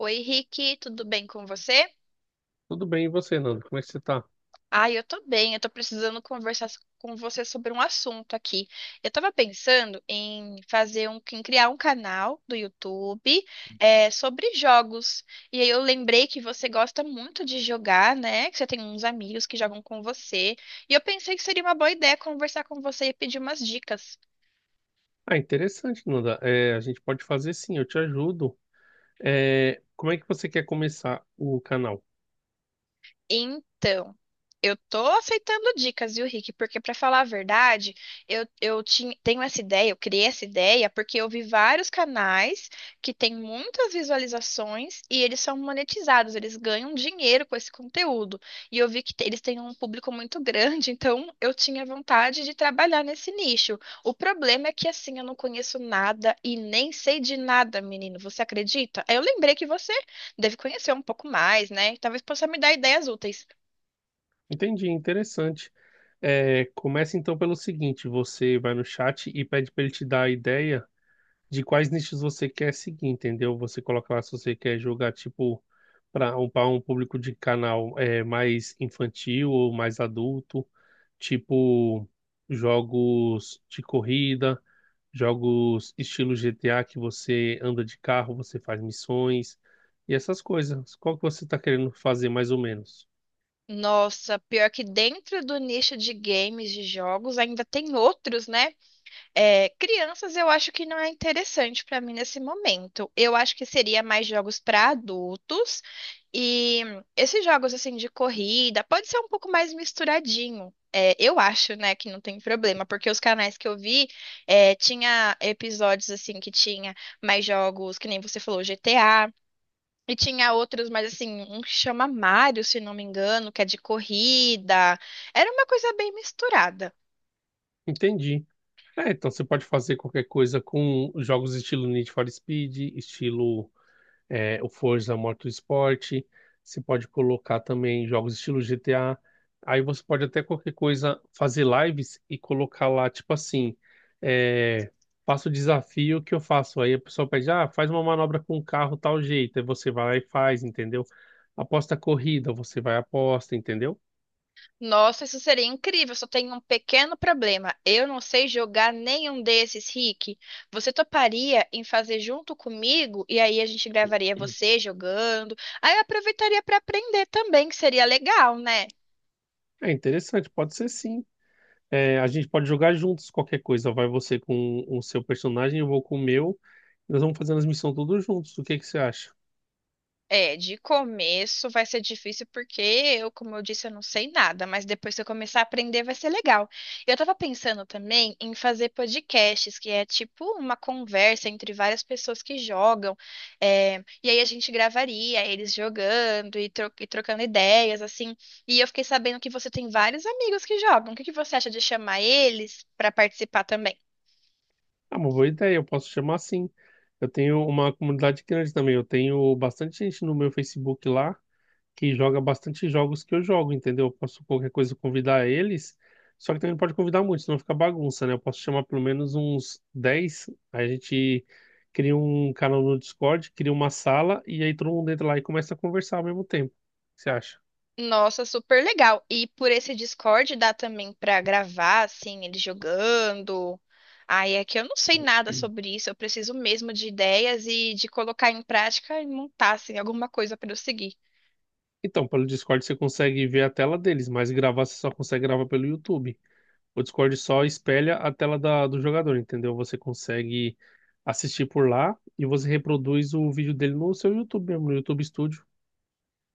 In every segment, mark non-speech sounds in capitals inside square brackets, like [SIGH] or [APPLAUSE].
Oi, Rick, tudo bem com você? Tudo bem, e você, Nanda? Como é que você tá? Ah, eu tô bem, eu tô precisando conversar com você sobre um assunto aqui. Eu tava pensando em criar um canal do YouTube, sobre jogos. E aí eu lembrei que você gosta muito de jogar, né? Que você tem uns amigos que jogam com você. E eu pensei que seria uma boa ideia conversar com você e pedir umas dicas. Ah, interessante, Nanda. É, a gente pode fazer sim, eu te ajudo. É, como é que você quer começar o canal? Então, eu tô aceitando dicas, viu, Rick? Porque, pra falar a verdade, eu tenho essa ideia, eu criei essa ideia porque eu vi vários canais que têm muitas visualizações e eles são monetizados, eles ganham dinheiro com esse conteúdo. E eu vi que eles têm um público muito grande, [LAUGHS] então eu tinha vontade de trabalhar nesse nicho. O problema é que, assim, eu não conheço nada e nem sei de nada, menino. Você acredita? Aí eu lembrei que deve conhecer um pouco mais, né? Talvez possa me dar ideias úteis. Entendi, interessante. É, começa então pelo seguinte: você vai no chat e pede para ele te dar a ideia de quais nichos você quer seguir, entendeu? Você coloca lá se você quer jogar tipo para um, pra um público de canal é, mais infantil ou mais adulto, tipo jogos de corrida, jogos estilo GTA que você anda de carro, você faz missões e essas coisas. Qual que você está querendo fazer mais ou menos? Nossa, pior que dentro do nicho de games, de jogos, ainda tem outros, né? É, crianças eu acho que não é interessante para mim nesse momento. Eu acho que seria mais jogos para adultos e esses jogos assim de corrida pode ser um pouco mais misturadinho. É, eu acho, né, que não tem problema, porque os canais que eu vi, tinha episódios assim que tinha mais jogos, que nem você falou, GTA, e tinha outros, mas assim, um que chama Mario, se não me engano, que é de corrida. Era uma coisa bem misturada. Entendi. É, então você pode fazer qualquer coisa com jogos estilo Need for Speed, estilo é, o Forza Motorsport, você pode colocar também jogos estilo GTA. Aí você pode até qualquer coisa fazer lives e colocar lá, tipo assim, é, faça o desafio que eu faço. Aí a pessoa pede, ah, faz uma manobra com o carro tal jeito. Aí você vai lá e faz, entendeu? Aposta a corrida, você vai e aposta, entendeu? Nossa, isso seria incrível, só tem um pequeno problema. Eu não sei jogar nenhum desses, Rick. Você toparia em fazer junto comigo? E aí a gente gravaria você jogando. Aí eu aproveitaria para aprender também, que seria legal, né? É interessante, pode ser sim. É, a gente pode jogar juntos qualquer coisa. Vai você com o seu personagem, eu vou com o meu. Nós vamos fazendo as missões todos juntos. O que que você acha? É, de começo vai ser difícil porque eu, como eu disse, eu não sei nada, mas depois que eu começar a aprender vai ser legal. Eu tava pensando também em fazer podcasts, que é tipo uma conversa entre várias pessoas que jogam, e aí a gente gravaria eles jogando e, trocando ideias, assim. E eu fiquei sabendo que você tem vários amigos que jogam. O que que você acha de chamar eles pra participar também? É uma boa ideia, eu posso chamar assim. Eu tenho uma comunidade grande também. Eu tenho bastante gente no meu Facebook lá que joga bastante jogos que eu jogo, entendeu? Eu posso qualquer coisa convidar eles. Só que também não pode convidar muito, senão fica bagunça, né? Eu posso chamar pelo menos uns 10. Aí a gente cria um canal no Discord, cria uma sala e aí todo mundo entra lá e começa a conversar ao mesmo tempo. O que você acha? Nossa, super legal. E por esse Discord dá também pra gravar, assim, ele jogando. Aí é que eu não sei nada sobre isso. Eu preciso mesmo de ideias e de colocar em prática e montar, assim, alguma coisa pra eu seguir. Então, pelo Discord você consegue ver a tela deles, mas gravar você só consegue gravar pelo YouTube. O Discord só espelha a tela do jogador, entendeu? Você consegue assistir por lá e você reproduz o vídeo dele no seu YouTube mesmo, no YouTube Studio.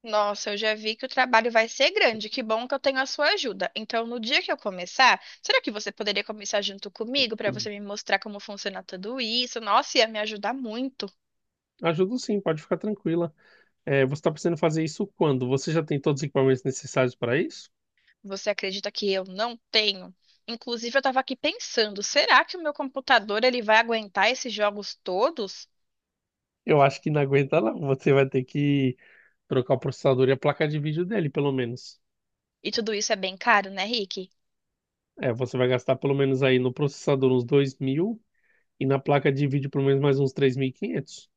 Nossa, eu já vi que o trabalho vai ser grande. Que bom que eu tenho a sua ajuda. Então, no dia que eu começar, será que você poderia começar junto comigo pra você me mostrar como funciona tudo isso? Nossa, ia me ajudar muito. Ajuda sim, pode ficar tranquila. É, você está precisando fazer isso quando? Você já tem todos os equipamentos necessários para isso? Você acredita que eu não tenho? Inclusive, eu estava aqui pensando, será que o meu computador ele vai aguentar esses jogos todos? Eu acho que não aguenta não. Você vai ter que trocar o processador e a placa de vídeo dele, pelo menos. E tudo isso é bem caro, né, Rick? É, você vai gastar pelo menos aí no processador uns 2.000 e na placa de vídeo pelo menos mais uns 3.500.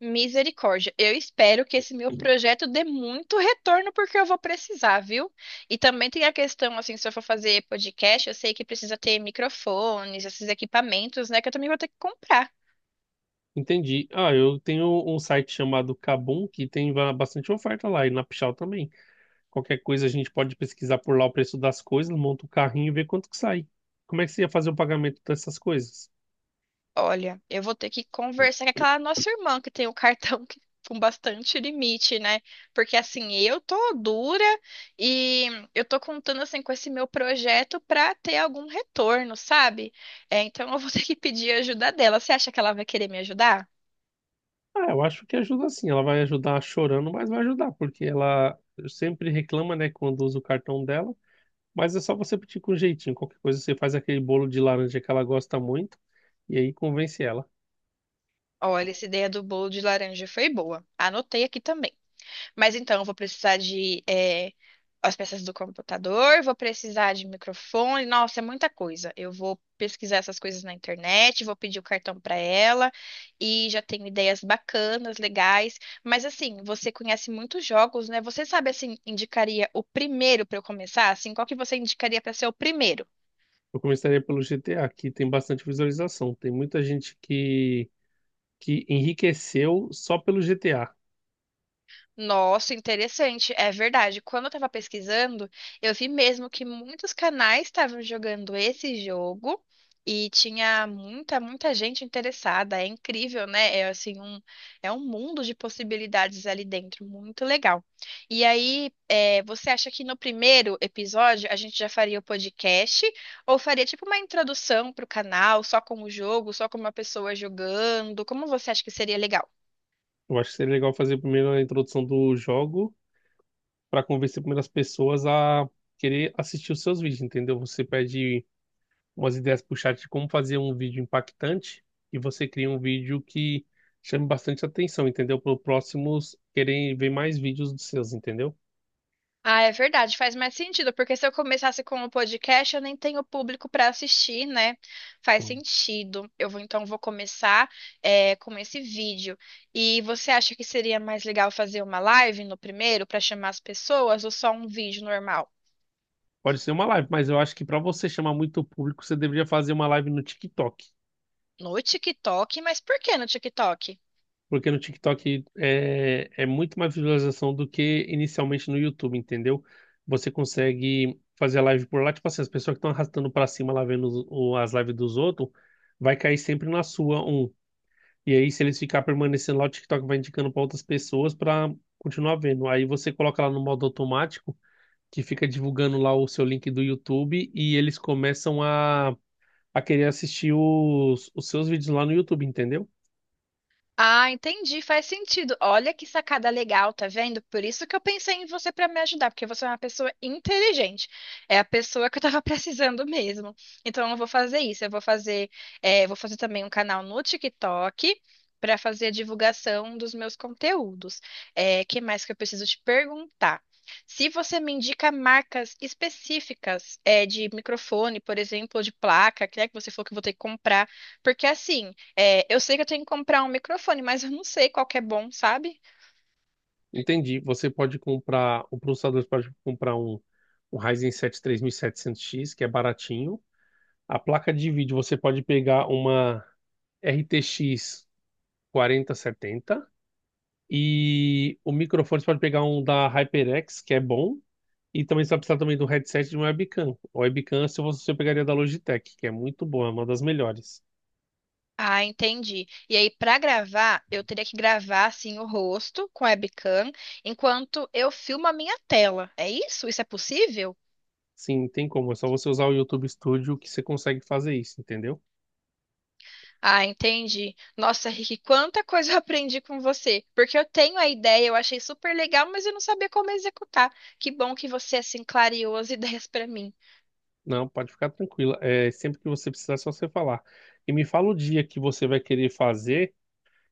Misericórdia. Eu espero que esse meu projeto dê muito retorno porque eu vou precisar, viu? E também tem a questão, assim, se eu for fazer podcast, eu sei que precisa ter microfones, esses equipamentos, né, que eu também vou ter que comprar. Entendi. Ah, eu tenho um site chamado Kabum que tem bastante oferta lá e na Pichau também. Qualquer coisa a gente pode pesquisar por lá o preço das coisas, monta o carrinho e vê quanto que sai. Como é que você ia fazer o pagamento dessas coisas? Olha, eu vou ter que conversar com aquela nossa irmã que tem o cartão [LAUGHS] com bastante limite, né? Porque assim, eu tô dura e eu tô contando assim com esse meu projeto pra ter algum retorno, sabe? É, então eu vou [LAUGHS] ter que pedir ajuda dela. Você acha que ela vai querer me ajudar? Ah, eu acho que ajuda sim. Ela vai ajudar chorando, mas vai ajudar, porque ela sempre reclama, né, quando usa o cartão dela. Mas é só você pedir com jeitinho. Qualquer coisa você faz aquele bolo de laranja que ela gosta muito e aí convence ela. Olha, essa ideia do bolo de laranja foi boa. Anotei aqui também. Mas então, eu vou precisar de as peças do computador, vou precisar de microfone. Nossa, é muita coisa. Eu vou pesquisar essas coisas na internet, vou pedir o cartão para ela e já tenho ideias bacanas, legais. Mas assim, você conhece muitos jogos, né? Você sabe, assim, indicaria o primeiro para eu começar? Assim, qual que você indicaria para ser o primeiro? Eu começaria pelo GTA, que tem bastante visualização. Tem muita gente que enriqueceu só pelo GTA. Nossa, interessante. É verdade. Quando eu tava pesquisando, eu vi mesmo que muitos canais estavam jogando esse jogo e tinha muita gente interessada. É incrível, né? É assim um mundo de possibilidades ali dentro, muito legal. E aí, é, você acha que no primeiro episódio a gente já faria o podcast ou faria tipo uma introdução pro canal, só com o jogo, só com uma pessoa jogando? Como você acha que seria legal? Eu acho que seria legal fazer primeiro a introdução do jogo para convencer primeiro as pessoas a querer assistir os seus vídeos, entendeu? Você pede umas ideias pro chat de como fazer um vídeo impactante e você cria um vídeo que chame bastante atenção, entendeu? Para os próximos querem ver mais vídeos dos seus, entendeu? Ah, é verdade, faz mais sentido, porque se eu começasse com o podcast, eu nem tenho público para assistir, né? Faz sentido. Eu vou então vou começar, com esse vídeo. E você acha que seria mais legal fazer uma live no primeiro para chamar as pessoas ou só um vídeo normal? Pode ser uma live, mas eu acho que para você chamar muito público, você deveria fazer uma live no TikTok. No TikTok, mas por que no TikTok? Porque no TikTok é, é muito mais visualização do que inicialmente no YouTube, entendeu? Você consegue fazer a live por lá, tipo assim, as pessoas que estão arrastando pra cima lá vendo as lives dos outros, vai cair sempre na sua um. E aí, se eles ficar permanecendo lá, o TikTok vai indicando pra outras pessoas pra continuar vendo. Aí você coloca lá no modo automático, que fica divulgando lá o seu link do YouTube e eles começam a querer assistir os seus vídeos lá no YouTube, entendeu? Ah, entendi, faz sentido. Olha que sacada legal, tá vendo? Por isso que eu pensei em você para me ajudar, porque você é uma pessoa inteligente. É a pessoa que eu tava [LAUGHS] precisando mesmo. Então eu vou fazer isso, eu vou fazer, eh, vou fazer também um canal no TikTok para fazer a divulgação dos meus conteúdos. O que mais que eu preciso te perguntar? Se você me indica marcas específicas, de microfone, por exemplo, ou de placa, que é que você falou que eu vou ter que comprar, porque assim. É, eu sei que eu tenho que comprar um microfone, mas eu não sei qual que é bom, sabe? Entendi. Você pode comprar, o processador pode comprar um, um Ryzen 7 3700X, que é baratinho. A placa de vídeo você pode pegar uma RTX 4070 e o microfone você pode pegar um da HyperX, que é bom. E também você vai precisar também do headset e de uma webcam. A webcam é se você pegaria da Logitech, que é muito boa, é uma das melhores. Ah, entendi. E aí, pra gravar, eu teria que gravar assim o rosto com a webcam enquanto eu filmo a minha tela. É isso? Isso é possível? Sim, tem como. É só você usar o YouTube Studio que você consegue fazer isso, entendeu? Ah, entendi. Nossa, Rick, quanta coisa eu [LAUGHS] aprendi com você. Porque eu tenho a ideia, eu achei super legal, mas eu não sabia como executar. Que bom que você é assim, clareou as [LAUGHS] ideias pra mim. Não, pode ficar tranquila. É, sempre que você precisar, é só você falar. E me fala o dia que você vai querer fazer,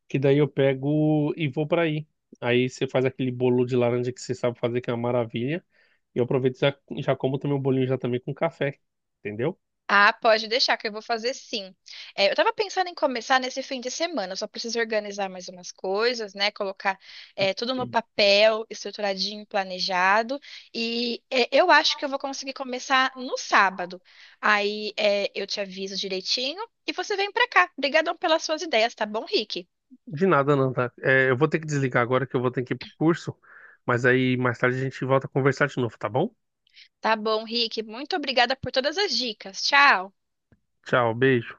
que daí eu pego e vou para aí. Aí você faz aquele bolo de laranja que você sabe fazer, que é uma maravilha. E eu aproveito e já como também o bolinho já também com café. Entendeu? Ah, pode deixar que eu vou fazer sim. É, eu tava pensando em começar nesse fim de semana, eu só preciso organizar mais umas coisas, né? Colocar, tudo no papel, estruturadinho, planejado. E é, eu acho que eu vou conseguir começar no sábado. Aí é, eu te aviso direitinho e você vem pra cá. Obrigadão pelas suas ideias, tá bom, Rick? De nada, não, tá? É, eu vou ter que desligar agora que eu vou ter que ir pro curso. Mas aí mais tarde a gente volta a conversar de novo, tá bom? Tá bom, Rick. Muito obrigada por todas as dicas. Tchau. Tchau, beijo.